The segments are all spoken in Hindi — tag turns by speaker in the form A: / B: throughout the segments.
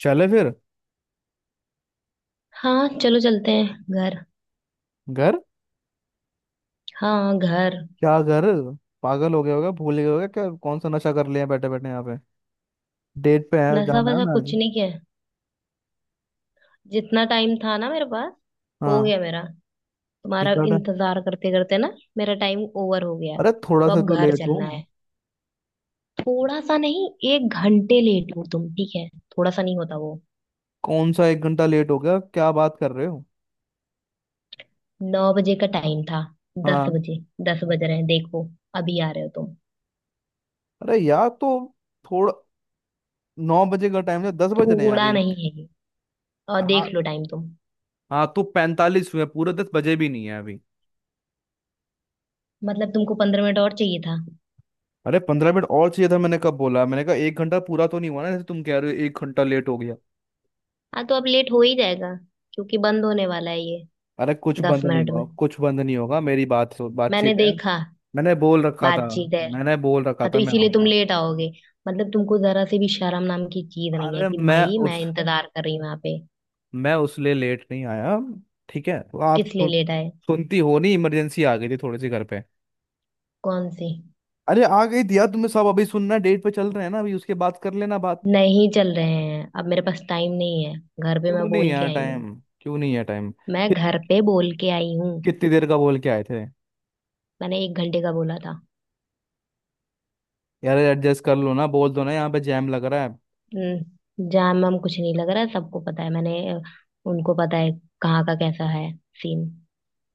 A: चले फिर।
B: हाँ चलो चलते हैं घर।
A: घर।
B: हाँ घर।
A: क्या घर? पागल हो गया होगा भूल गया होगा क्या? कौन सा नशा कर लिया बैठे बैठे यहाँ पे। डेट पे है
B: नशा
A: जाना है
B: वशा
A: ना आज?
B: कुछ नहीं किया है। जितना टाइम था ना मेरे पास हो
A: हाँ।
B: गया मेरा। तुम्हारा
A: जितना टाइम।
B: इंतजार करते करते ना मेरा टाइम ओवर हो गया है
A: अरे थोड़ा
B: तो
A: सा
B: अब
A: तो
B: घर
A: लेट
B: चलना है।
A: हूँ।
B: थोड़ा सा नहीं। 1 घंटे लेट हो तुम ठीक है। थोड़ा सा नहीं होता वो।
A: कौन सा एक घंटा लेट हो गया? क्या बात कर रहे हो?
B: 9 बजे का टाइम था। दस
A: हाँ।
B: बजे 10 बज रहे हैं देखो। अभी आ रहे हो तुम।
A: अरे यार तो थोड़ा 9 बजे का टाइम है, 10 बज रहे हैं
B: थोड़ा
A: अभी।
B: नहीं है ये। और देख
A: हाँ।
B: लो टाइम तुम।
A: हाँ तो 45 हुए पूरे, 10 बजे भी नहीं है अभी।
B: मतलब तुमको 15 मिनट और चाहिए था।
A: अरे 15 मिनट और चाहिए था मैंने कब बोला? मैंने कहा एक घंटा पूरा तो नहीं हुआ ना जैसे तुम कह रहे हो एक घंटा लेट हो गया।
B: हाँ तो अब लेट हो ही जाएगा, क्योंकि बंद होने वाला है ये।
A: अरे कुछ
B: दस
A: बंद नहीं
B: मिनट में।
A: हुआ कुछ बंद नहीं होगा। मेरी बात
B: मैंने
A: बातचीत है।
B: देखा।
A: मैंने बोल रखा था
B: बातचीत है।
A: मैंने बोल रखा
B: हाँ
A: था
B: तो
A: मैं
B: इसीलिए तुम
A: आऊंगा।
B: लेट आओगे। मतलब तुमको जरा से भी शर्म नाम की चीज नहीं है
A: अरे
B: कि मई मैं इंतजार कर रही हूँ यहाँ पे।
A: मैं उस लिए लेट नहीं आया। ठीक है तो आप
B: किस लिए लेट आए।
A: सुनती हो? नहीं इमरजेंसी आ गई थी थोड़ी सी घर पे।
B: कौन सी।
A: अरे आ गई थी यार, तुम्हें सब अभी सुनना है, डेट पे चल रहे हैं ना अभी, उसके बाद कर लेना बात।
B: नहीं चल रहे हैं, अब मेरे पास टाइम नहीं है। घर पे
A: क्यों
B: मैं
A: नहीं
B: बोल के
A: यार
B: आई हूँ।
A: टाइम? क्यों नहीं है टाइम?
B: मैं
A: कि,
B: घर पे बोल के आई हूँ।
A: कितनी देर का बोल के आए थे?
B: मैंने 1 घंटे का बोला था।
A: यार एडजस्ट कर लो ना बोल दो ना, यहाँ पे जैम लग रहा है।
B: जाम वाम कुछ नहीं लग रहा है, सबको पता है मैंने। उनको पता है कहाँ का कैसा है सीन।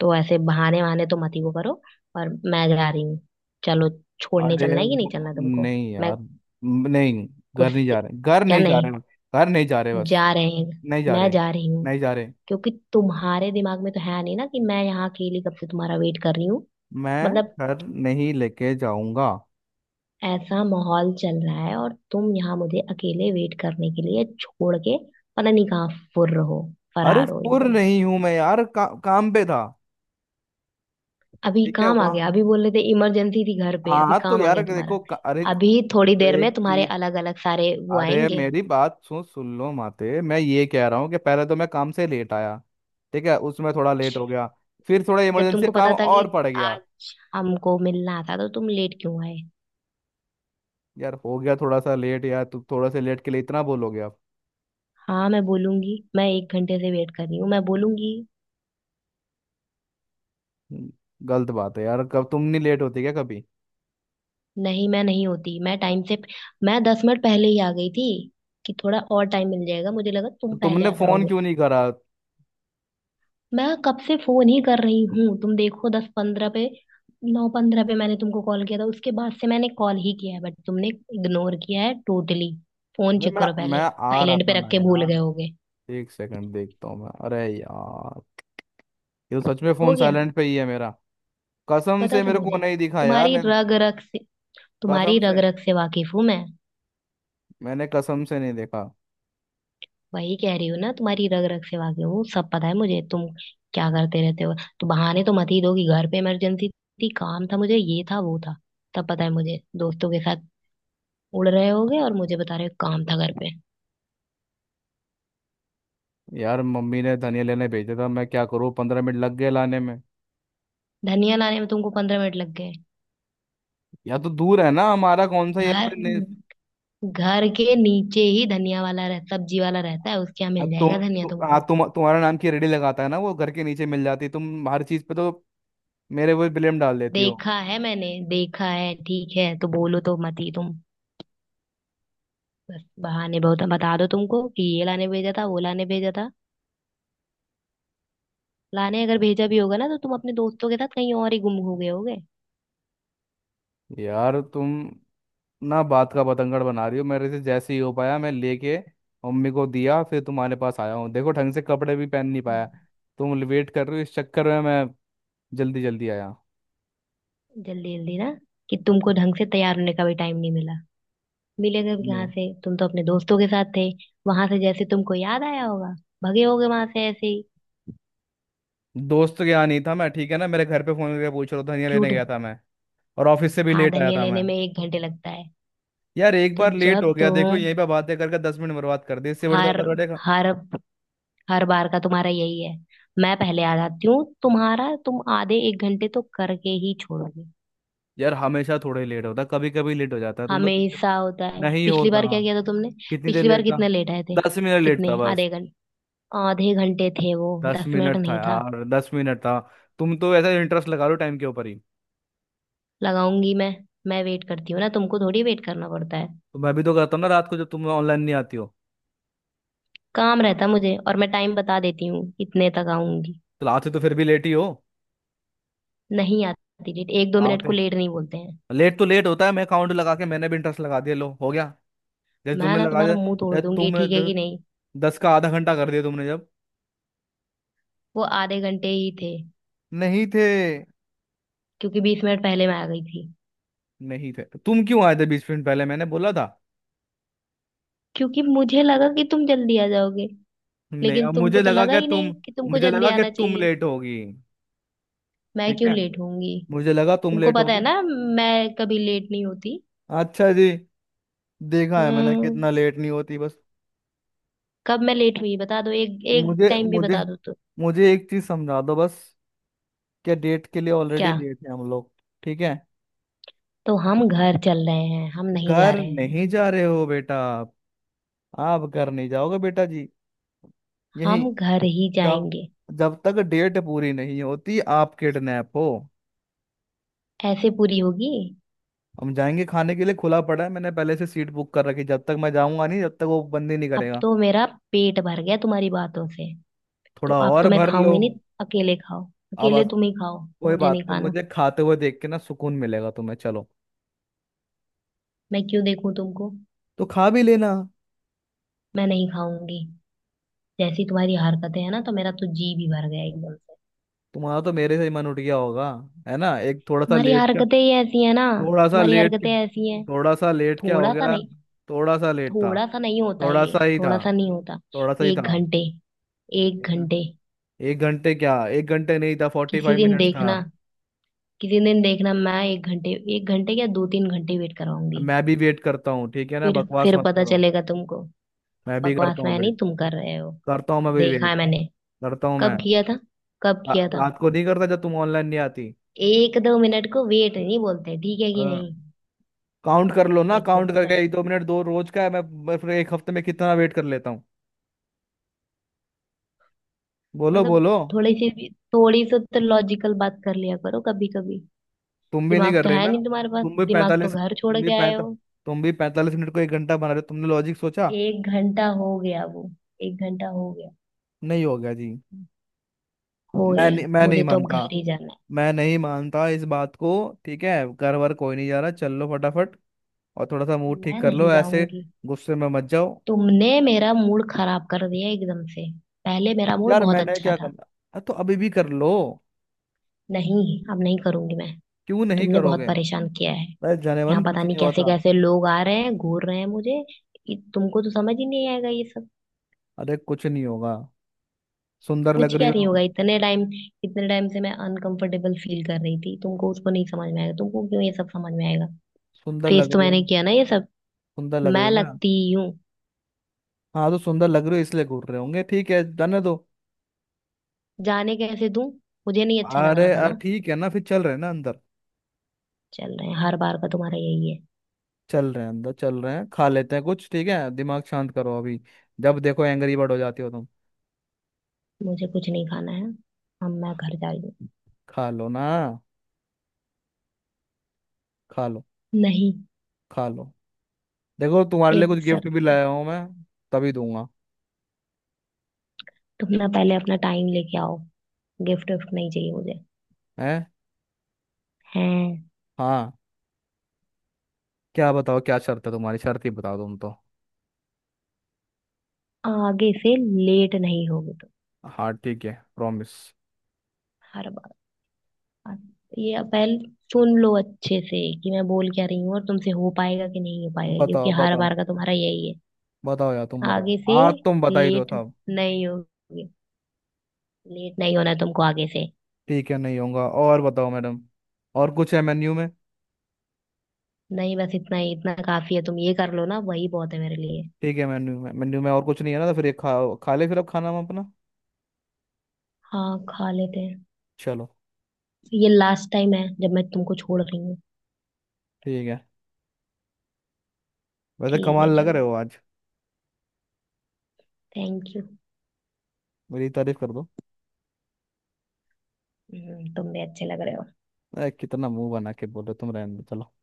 B: तो ऐसे बहाने वहाने तो मत ही वो करो। और मैं जा रही हूँ। चलो। छोड़ने
A: अरे
B: चलना है कि नहीं चलना तुमको।
A: नहीं
B: मैं
A: यार। नहीं, घर नहीं
B: उससे
A: जा रहे, घर
B: क्या
A: नहीं जा रहे।
B: नहीं।
A: घर नहीं जा रहे बस।
B: जा रहे हैं।
A: नहीं जा
B: मैं
A: रहे।
B: जा रही हूँ,
A: नहीं जा रहे।
B: क्योंकि तुम्हारे दिमाग में तो है नहीं ना कि मैं यहाँ अकेली कब से तुम्हारा वेट कर रही हूँ।
A: मैं
B: मतलब
A: घर नहीं लेके जाऊंगा।
B: ऐसा माहौल चल रहा है और तुम यहाँ मुझे अकेले वेट करने के लिए छोड़ के पता नहीं कहाँ फुर्र हो।
A: अरे
B: फरार हो
A: फुर
B: एकदम।
A: नहीं हूं मैं यार, काम पे था।
B: अभी
A: ठीक है
B: काम आ
A: वहाँ।
B: गया, अभी बोल रहे थे इमरजेंसी थी घर पे, अभी
A: हाँ तो
B: काम आ
A: यार
B: गया तुम्हारा।
A: देखो अरे,
B: अभी थोड़ी
A: तो
B: देर
A: एक
B: में तुम्हारे
A: चीज।
B: अलग अलग सारे वो
A: अरे
B: आएंगे।
A: मेरी बात सुन सुन लो माते, मैं ये कह रहा हूँ कि पहले तो मैं काम से लेट आया। ठीक है उसमें थोड़ा लेट हो गया। फिर थोड़ा
B: जब
A: इमरजेंसी
B: तुमको
A: काम
B: पता था कि
A: और पड़ गया।
B: आज हमको मिलना था तो तुम लेट क्यों आए।
A: यार हो गया थोड़ा सा लेट। यार तू थोड़ा से लेट के लिए इतना बोलोगे आप?
B: हाँ मैं बोलूंगी, मैं 1 घंटे से वेट कर रही हूँ, मैं बोलूंगी।
A: हम्म, गलत बात है यार। कब तुम नहीं लेट होती क्या कभी?
B: नहीं, मैं नहीं होती, मैं टाइम से। मैं 10 मिनट पहले ही आ गई थी कि थोड़ा और टाइम मिल जाएगा, मुझे लगा
A: तो
B: तुम पहले
A: तुमने
B: आ
A: फोन
B: जाओगे।
A: क्यों नहीं करा?
B: मैं कब से फोन ही कर रही हूँ, तुम देखो, 10:15 पे, 9:15 पे मैंने तुमको कॉल किया था, उसके बाद से मैंने कॉल ही किया है बट तुमने इग्नोर किया है टोटली। फोन
A: अरे
B: चेक
A: मैं
B: करो
A: मैं
B: पहले।
A: आ रहा
B: साइलेंट
A: था
B: पे
A: ना
B: रख के भूल गए
A: यार।
B: होगे।
A: एक सेकंड देखता हूँ मैं। अरे यार, ये तो सच में
B: हो
A: फोन
B: गया।
A: साइलेंट पे ही है मेरा। कसम
B: पता
A: से
B: था
A: मेरे को
B: मुझे।
A: नहीं दिखा यार
B: तुम्हारी
A: नहीं तो।
B: रग रग से, तुम्हारी
A: कसम
B: रग
A: से
B: रग से वाकिफ हूँ मैं।
A: मैंने कसम से नहीं देखा।
B: वही कह रही हूँ ना, तुम्हारी रग रग से वाकिफ हूँ, सब पता है मुझे तुम क्या करते रहते हो। तो बहाने तो मत ही दो कि घर पे इमरजेंसी थी, काम था मुझे, ये था, वो था। तब पता है मुझे, दोस्तों के साथ उड़ रहे होगे और मुझे बता रहे हो काम था घर पे।
A: यार मम्मी ने धनिया लेने भेजा था, मैं क्या करूँ 15 मिनट लग गए लाने में।
B: धनिया लाने में तुमको 15 मिनट लग गए।
A: या तो दूर है ना हमारा? कौन सा यहाँ
B: घर,
A: पे नहीं।
B: घर के नीचे ही धनिया वाला रह सब्जी वाला रहता है, उसके यहाँ मिल
A: अब तुम
B: जाएगा धनिया
A: तु, आ,
B: तुमको।
A: तुम तुम्हारा नाम की रेडी लगाता है ना वो घर के नीचे मिल जाती। तुम हर चीज पे तो मेरे वो ब्लेम डाल देती हो।
B: देखा है मैंने, देखा है, ठीक है, तो बोलो तो मत ही तुम। बस बहाने बहुत बता दो तुमको कि ये लाने भेजा था, वो लाने भेजा था। लाने अगर भेजा भी होगा ना, तो तुम अपने दोस्तों के साथ कहीं और ही गुम हो गए होगे।
A: यार तुम ना बात का बतंगड़ बना रही हो मेरे से। जैसे ही हो पाया मैं लेके मम्मी को दिया फिर तुम्हारे पास आया हूँ। देखो ढंग से कपड़े भी पहन नहीं पाया।
B: हम्म।
A: तुम वेट कर रहे हो इस चक्कर में मैं जल्दी जल्दी आया।
B: जल्दी जल्दी ना कि तुमको ढंग से तैयार होने का भी टाइम नहीं मिला। मिलेगा भी कहाँ
A: Yeah।
B: से, तुम तो अपने दोस्तों के साथ थे। वहां से जैसे तुमको याद आया होगा, भगे होगे वहां से ऐसे ही।
A: दोस्त के यहाँ नहीं था मैं, ठीक है ना? मेरे घर पे फोन करके पूछ रहा था, धनिया लेने
B: झूठ।
A: गया था मैं। और ऑफिस से भी
B: हाँ,
A: लेट आया
B: धनिया
A: था मैं।
B: लेने में 1 घंटे लगता है।
A: यार एक
B: तो
A: बार लेट हो
B: जब
A: गया, देखो
B: तुम
A: यहीं पे बातें करके 10 मिनट बर्बाद कर दी। इससे बड़े तो
B: हर
A: अंदर बैठेगा।
B: हर हर बार का तुम्हारा यही है। मैं पहले आ जाती हूँ, तुम्हारा तुम आधे 1 घंटे तो करके ही छोड़ोगे।
A: यार हमेशा थोड़े लेट होता, कभी कभी लेट हो जाता है। तुम तो पीछे
B: हमेशा होता है,
A: नहीं
B: पिछली
A: होता।
B: बार क्या किया था तुमने।
A: कितनी देर
B: पिछली बार
A: लेट था?
B: कितने लेट आए थे।
A: 10 मिनट लेट था
B: कितने,
A: बस।
B: आधे घंटे। आधे घंटे थे वो।
A: दस
B: 10 मिनट
A: मिनट था
B: नहीं था।
A: यार, 10 मिनट था। तुम तो ऐसा इंटरेस्ट लगा लो टाइम के ऊपर ही।
B: लगाऊंगी मैं। मैं वेट करती हूँ ना तुमको, थोड़ी वेट करना पड़ता है।
A: तो मैं भी तो करता हूँ ना, रात को जब तुम ऑनलाइन नहीं आती हो।
B: काम रहता मुझे और मैं टाइम बता देती हूँ इतने तक आऊंगी।
A: तो आते तो फिर भी लेट ही हो
B: नहीं आती लेट, 1-2 मिनट
A: आते।
B: को लेट नहीं बोलते हैं।
A: लेट तो लेट होता है। मैं काउंट लगा के मैंने भी इंटरेस्ट लगा दिया, लो हो गया। जैसे
B: मैं
A: तुमने
B: ना
A: लगा
B: तुम्हारा
A: दिया।
B: मुंह तोड़
A: ए,
B: दूंगी,
A: तुमने
B: ठीक है कि नहीं।
A: 10 का आधा घंटा कर दिया तुमने जब।
B: वो आधे घंटे ही थे,
A: नहीं थे।
B: क्योंकि 20 मिनट पहले मैं आ गई थी।
A: नहीं थे तो तुम क्यों आए थे? 20 मिनट पहले मैंने बोला था।
B: क्योंकि मुझे लगा कि तुम जल्दी आ जाओगे।
A: नहीं,
B: लेकिन
A: अब
B: तुमको
A: मुझे
B: तो
A: लगा
B: लगा
A: क्या
B: ही नहीं
A: तुम?
B: कि तुमको
A: मुझे
B: जल्दी
A: लगा कि
B: आना
A: तुम
B: चाहिए।
A: लेट होगी।
B: मैं
A: ठीक
B: क्यों
A: है।
B: लेट होंगी।
A: मुझे लगा तुम
B: तुमको
A: लेट
B: पता है
A: होगी।
B: ना, मैं कभी लेट नहीं होती।
A: अच्छा जी। देखा है मैंने
B: हम्म।
A: कितना लेट नहीं होती बस।
B: कब मैं लेट हुई, बता दो, एक एक
A: मुझे
B: टाइम भी
A: मुझे
B: बता दो तो।
A: मुझे एक चीज समझा दो बस। क्या डेट के लिए ऑलरेडी
B: क्या।
A: लेट है हम लोग? ठीक है।
B: तो हम घर चल रहे हैं, हम नहीं जा
A: घर
B: रहे हैं।
A: नहीं जा रहे हो बेटा आप। आप घर नहीं जाओगे बेटा जी। यही।
B: हम घर ही
A: जब
B: जाएंगे।
A: जब तक डेट पूरी नहीं होती आप किडनैप हो।
B: ऐसे पूरी होगी।
A: हम जाएंगे खाने के लिए, खुला पड़ा है, मैंने पहले से सीट बुक कर रखी। जब तक मैं जाऊंगा नहीं जब तक वो बंद ही नहीं
B: अब
A: करेगा।
B: तो मेरा पेट भर गया तुम्हारी बातों से। तो
A: थोड़ा
B: अब
A: और
B: तो मैं
A: भर लो।
B: खाऊंगी नहीं। अकेले खाओ।
A: अब
B: अकेले तुम ही खाओ।
A: कोई
B: मुझे नहीं
A: बात नहीं,
B: खाना।
A: मुझे खाते हुए देख के ना सुकून मिलेगा तुम्हें, चलो।
B: मैं क्यों देखूं तुमको।
A: तो खा भी लेना।
B: मैं नहीं खाऊंगी। जैसी तुम्हारी हरकतें है ना, तो मेरा तो जी भी भर गया एकदम से।
A: तुम्हारा तो मेरे से ही मन उठ गया होगा। है ना? एक थोड़ा सा
B: तुम्हारी
A: लेट क्या?
B: हरकतें ही ऐसी है ना।
A: थोड़ा सा
B: तुम्हारी
A: लेट क्या?
B: हरकतें ऐसी हैं।
A: थोड़ा सा लेट क्या हो
B: थोड़ा सा
A: गया?
B: नहीं।
A: थोड़ा सा लेट था।
B: थोड़ा सा नहीं होता
A: थोड़ा सा
B: ये,
A: ही था।
B: थोड़ा सा नहीं होता।
A: थोड़ा सा ही
B: एक
A: था।
B: घंटे एक
A: एक घं-
B: घंटे
A: एक घंटे क्या? एक घंटे नहीं था, फोर्टी
B: किसी
A: फाइव
B: दिन
A: मिनट था।
B: देखना, किसी दिन देखना, मैं 1 घंटे, 1 घंटे या 2-3 घंटे वेट
A: अब
B: कराऊंगी।
A: मैं भी वेट करता हूँ ठीक है ना?
B: फिर
A: बकवास
B: फिर
A: मत
B: पता
A: करो।
B: चलेगा तुमको।
A: मैं भी
B: बकवास
A: करता हूँ
B: मैं नहीं,
A: वेट।
B: तुम कर रहे हो।
A: करता हूँ मैं भी
B: देखा
A: वेट।
B: है मैंने।
A: करता हूँ मैं।
B: कब किया था। कब किया था।
A: रात को नहीं करता जब तुम ऑनलाइन नहीं आती।
B: 1-2 मिनट को वेट नहीं बोलते, ठीक है कि नहीं।
A: काउंट कर लो ना,
B: एक को
A: काउंट
B: पकड़।
A: करके एक दो मिनट दो, रोज का है मैं। मैं फिर एक हफ्ते में कितना वेट कर लेता? बोलो
B: मतलब
A: बोलो।
B: थोड़ी सी भी, थोड़ी सी तो लॉजिकल बात कर लिया करो कभी कभी।
A: तुम भी नहीं
B: दिमाग
A: कर
B: तो
A: रहे
B: है
A: ना?
B: नहीं तुम्हारे पास,
A: तुम भी
B: दिमाग तो
A: पैंतालीस
B: घर छोड़
A: तुम भी
B: के आए
A: पैंता
B: हो।
A: तुम भी 45 मिनट को एक घंटा बना रहे हो। तुमने लॉजिक सोचा?
B: 1 घंटा हो गया वो, 1 घंटा हो गया।
A: नहीं हो गया जी।
B: हो गया।
A: मैं नहीं
B: मुझे तो अब
A: मानता।
B: घर ही जाना
A: मैं नहीं मानता इस बात को। ठीक है, घर वर कोई नहीं जा रहा, चल लो फटाफट। और थोड़ा सा
B: है।
A: मूड ठीक
B: मैं
A: कर
B: नहीं
A: लो। ऐसे
B: जाऊंगी।
A: गुस्से में मत जाओ।
B: तुमने मेरा मूड खराब कर दिया एकदम से। पहले मेरा मूड
A: यार
B: बहुत
A: मैंने
B: अच्छा
A: क्या
B: था।
A: करना। हाँ, तो अभी भी कर लो।
B: नहीं, अब नहीं करूंगी मैं।
A: क्यों नहीं
B: तुमने बहुत
A: करोगे?
B: परेशान किया है।
A: अरे
B: यहाँ
A: जानेमन
B: पता
A: कुछ
B: नहीं
A: नहीं
B: कैसे
A: होता।
B: कैसे लोग आ रहे हैं, घूर रहे हैं मुझे। तुमको तो समझ ही नहीं आएगा ये सब।
A: अरे कुछ नहीं होगा। सुंदर
B: कुछ
A: लग रही
B: क्या नहीं
A: हो।
B: होगा, इतने टाइम, इतने टाइम से मैं अनकंफर्टेबल फील कर रही थी, तुमको उसको नहीं समझ में आएगा, तुमको क्यों ये सब समझ में आएगा।
A: सुंदर
B: फेस
A: लग
B: तो
A: रही हो।
B: मैंने किया ना ये सब।
A: सुंदर लग रही
B: मैं
A: हो ना।
B: लगती हूँ।
A: हाँ तो सुंदर लग रहे हो इसलिए घूर रहे होंगे, ठीक है जाने दो।
B: जाने कैसे दूं। मुझे नहीं अच्छा लग रहा
A: अरे
B: था ना।
A: ठीक है ना? फिर चल रहे हैं ना अंदर।
B: चल रहे हैं, हर बार का तुम्हारा यही है।
A: चल रहे हैं अंदर, चल रहे हैं खा लेते हैं कुछ। ठीक है दिमाग शांत करो अभी। जब देखो एंग्री बर्ड हो जाती हो तुम।
B: मुझे कुछ नहीं खाना है। हम मैं घर जा रही हूँ।
A: खा लो ना। खा लो।
B: नहीं।
A: खा लो। देखो तुम्हारे लिए कुछ
B: एक
A: गिफ्ट भी
B: शर्त पे।
A: लाया हूँ मैं। तभी दूंगा।
B: तुम ना पहले अपना टाइम लेके आओ। गिफ्ट विफ्ट नहीं चाहिए मुझे।
A: है।
B: हैं।
A: हाँ। क्या बताओ क्या शर्त है तुम्हारी? शर्त ही बताओ तुम तो।
B: आगे से लेट नहीं होगी तुम।
A: हाँ ठीक है, प्रॉमिस।
B: हर बार ये पहले सुन लो अच्छे से कि मैं बोल क्या रही हूँ और तुमसे हो पाएगा कि नहीं हो पाएगा, क्योंकि
A: बताओ
B: हर
A: बताओ।
B: बार का तुम्हारा यही है।
A: बताओ यार तुम बताओ।
B: आगे से
A: आज तुम बता ही दो
B: लेट
A: साहब।
B: नहीं होगी। लेट नहीं होना है तुमको आगे से।
A: ठीक है नहीं होगा। और बताओ मैडम। और कुछ है मेन्यू में?
B: नहीं बस इतना ही, इतना काफी है, तुम ये कर लो ना, वही बहुत है मेरे लिए।
A: ठीक है, मेन्यू में और कुछ नहीं है ना? तो फिर ये खा खा ले फिर, अब खाना हम अपना।
B: हाँ खा लेते हैं।
A: चलो।
B: ये लास्ट टाइम है जब मैं तुमको छोड़ रही हूँ।
A: ठीक है। वैसे
B: ठीक
A: कमाल
B: है
A: लग रहे
B: चलो।
A: हो आज।
B: Thank you.
A: मेरी तारीफ कर दो।
B: तुम भी अच्छे लग रहे हो।
A: ए, कितना मुंह बना के बोलो तुम, रहने दो चलो।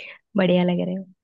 B: बढ़िया लग रहे हो।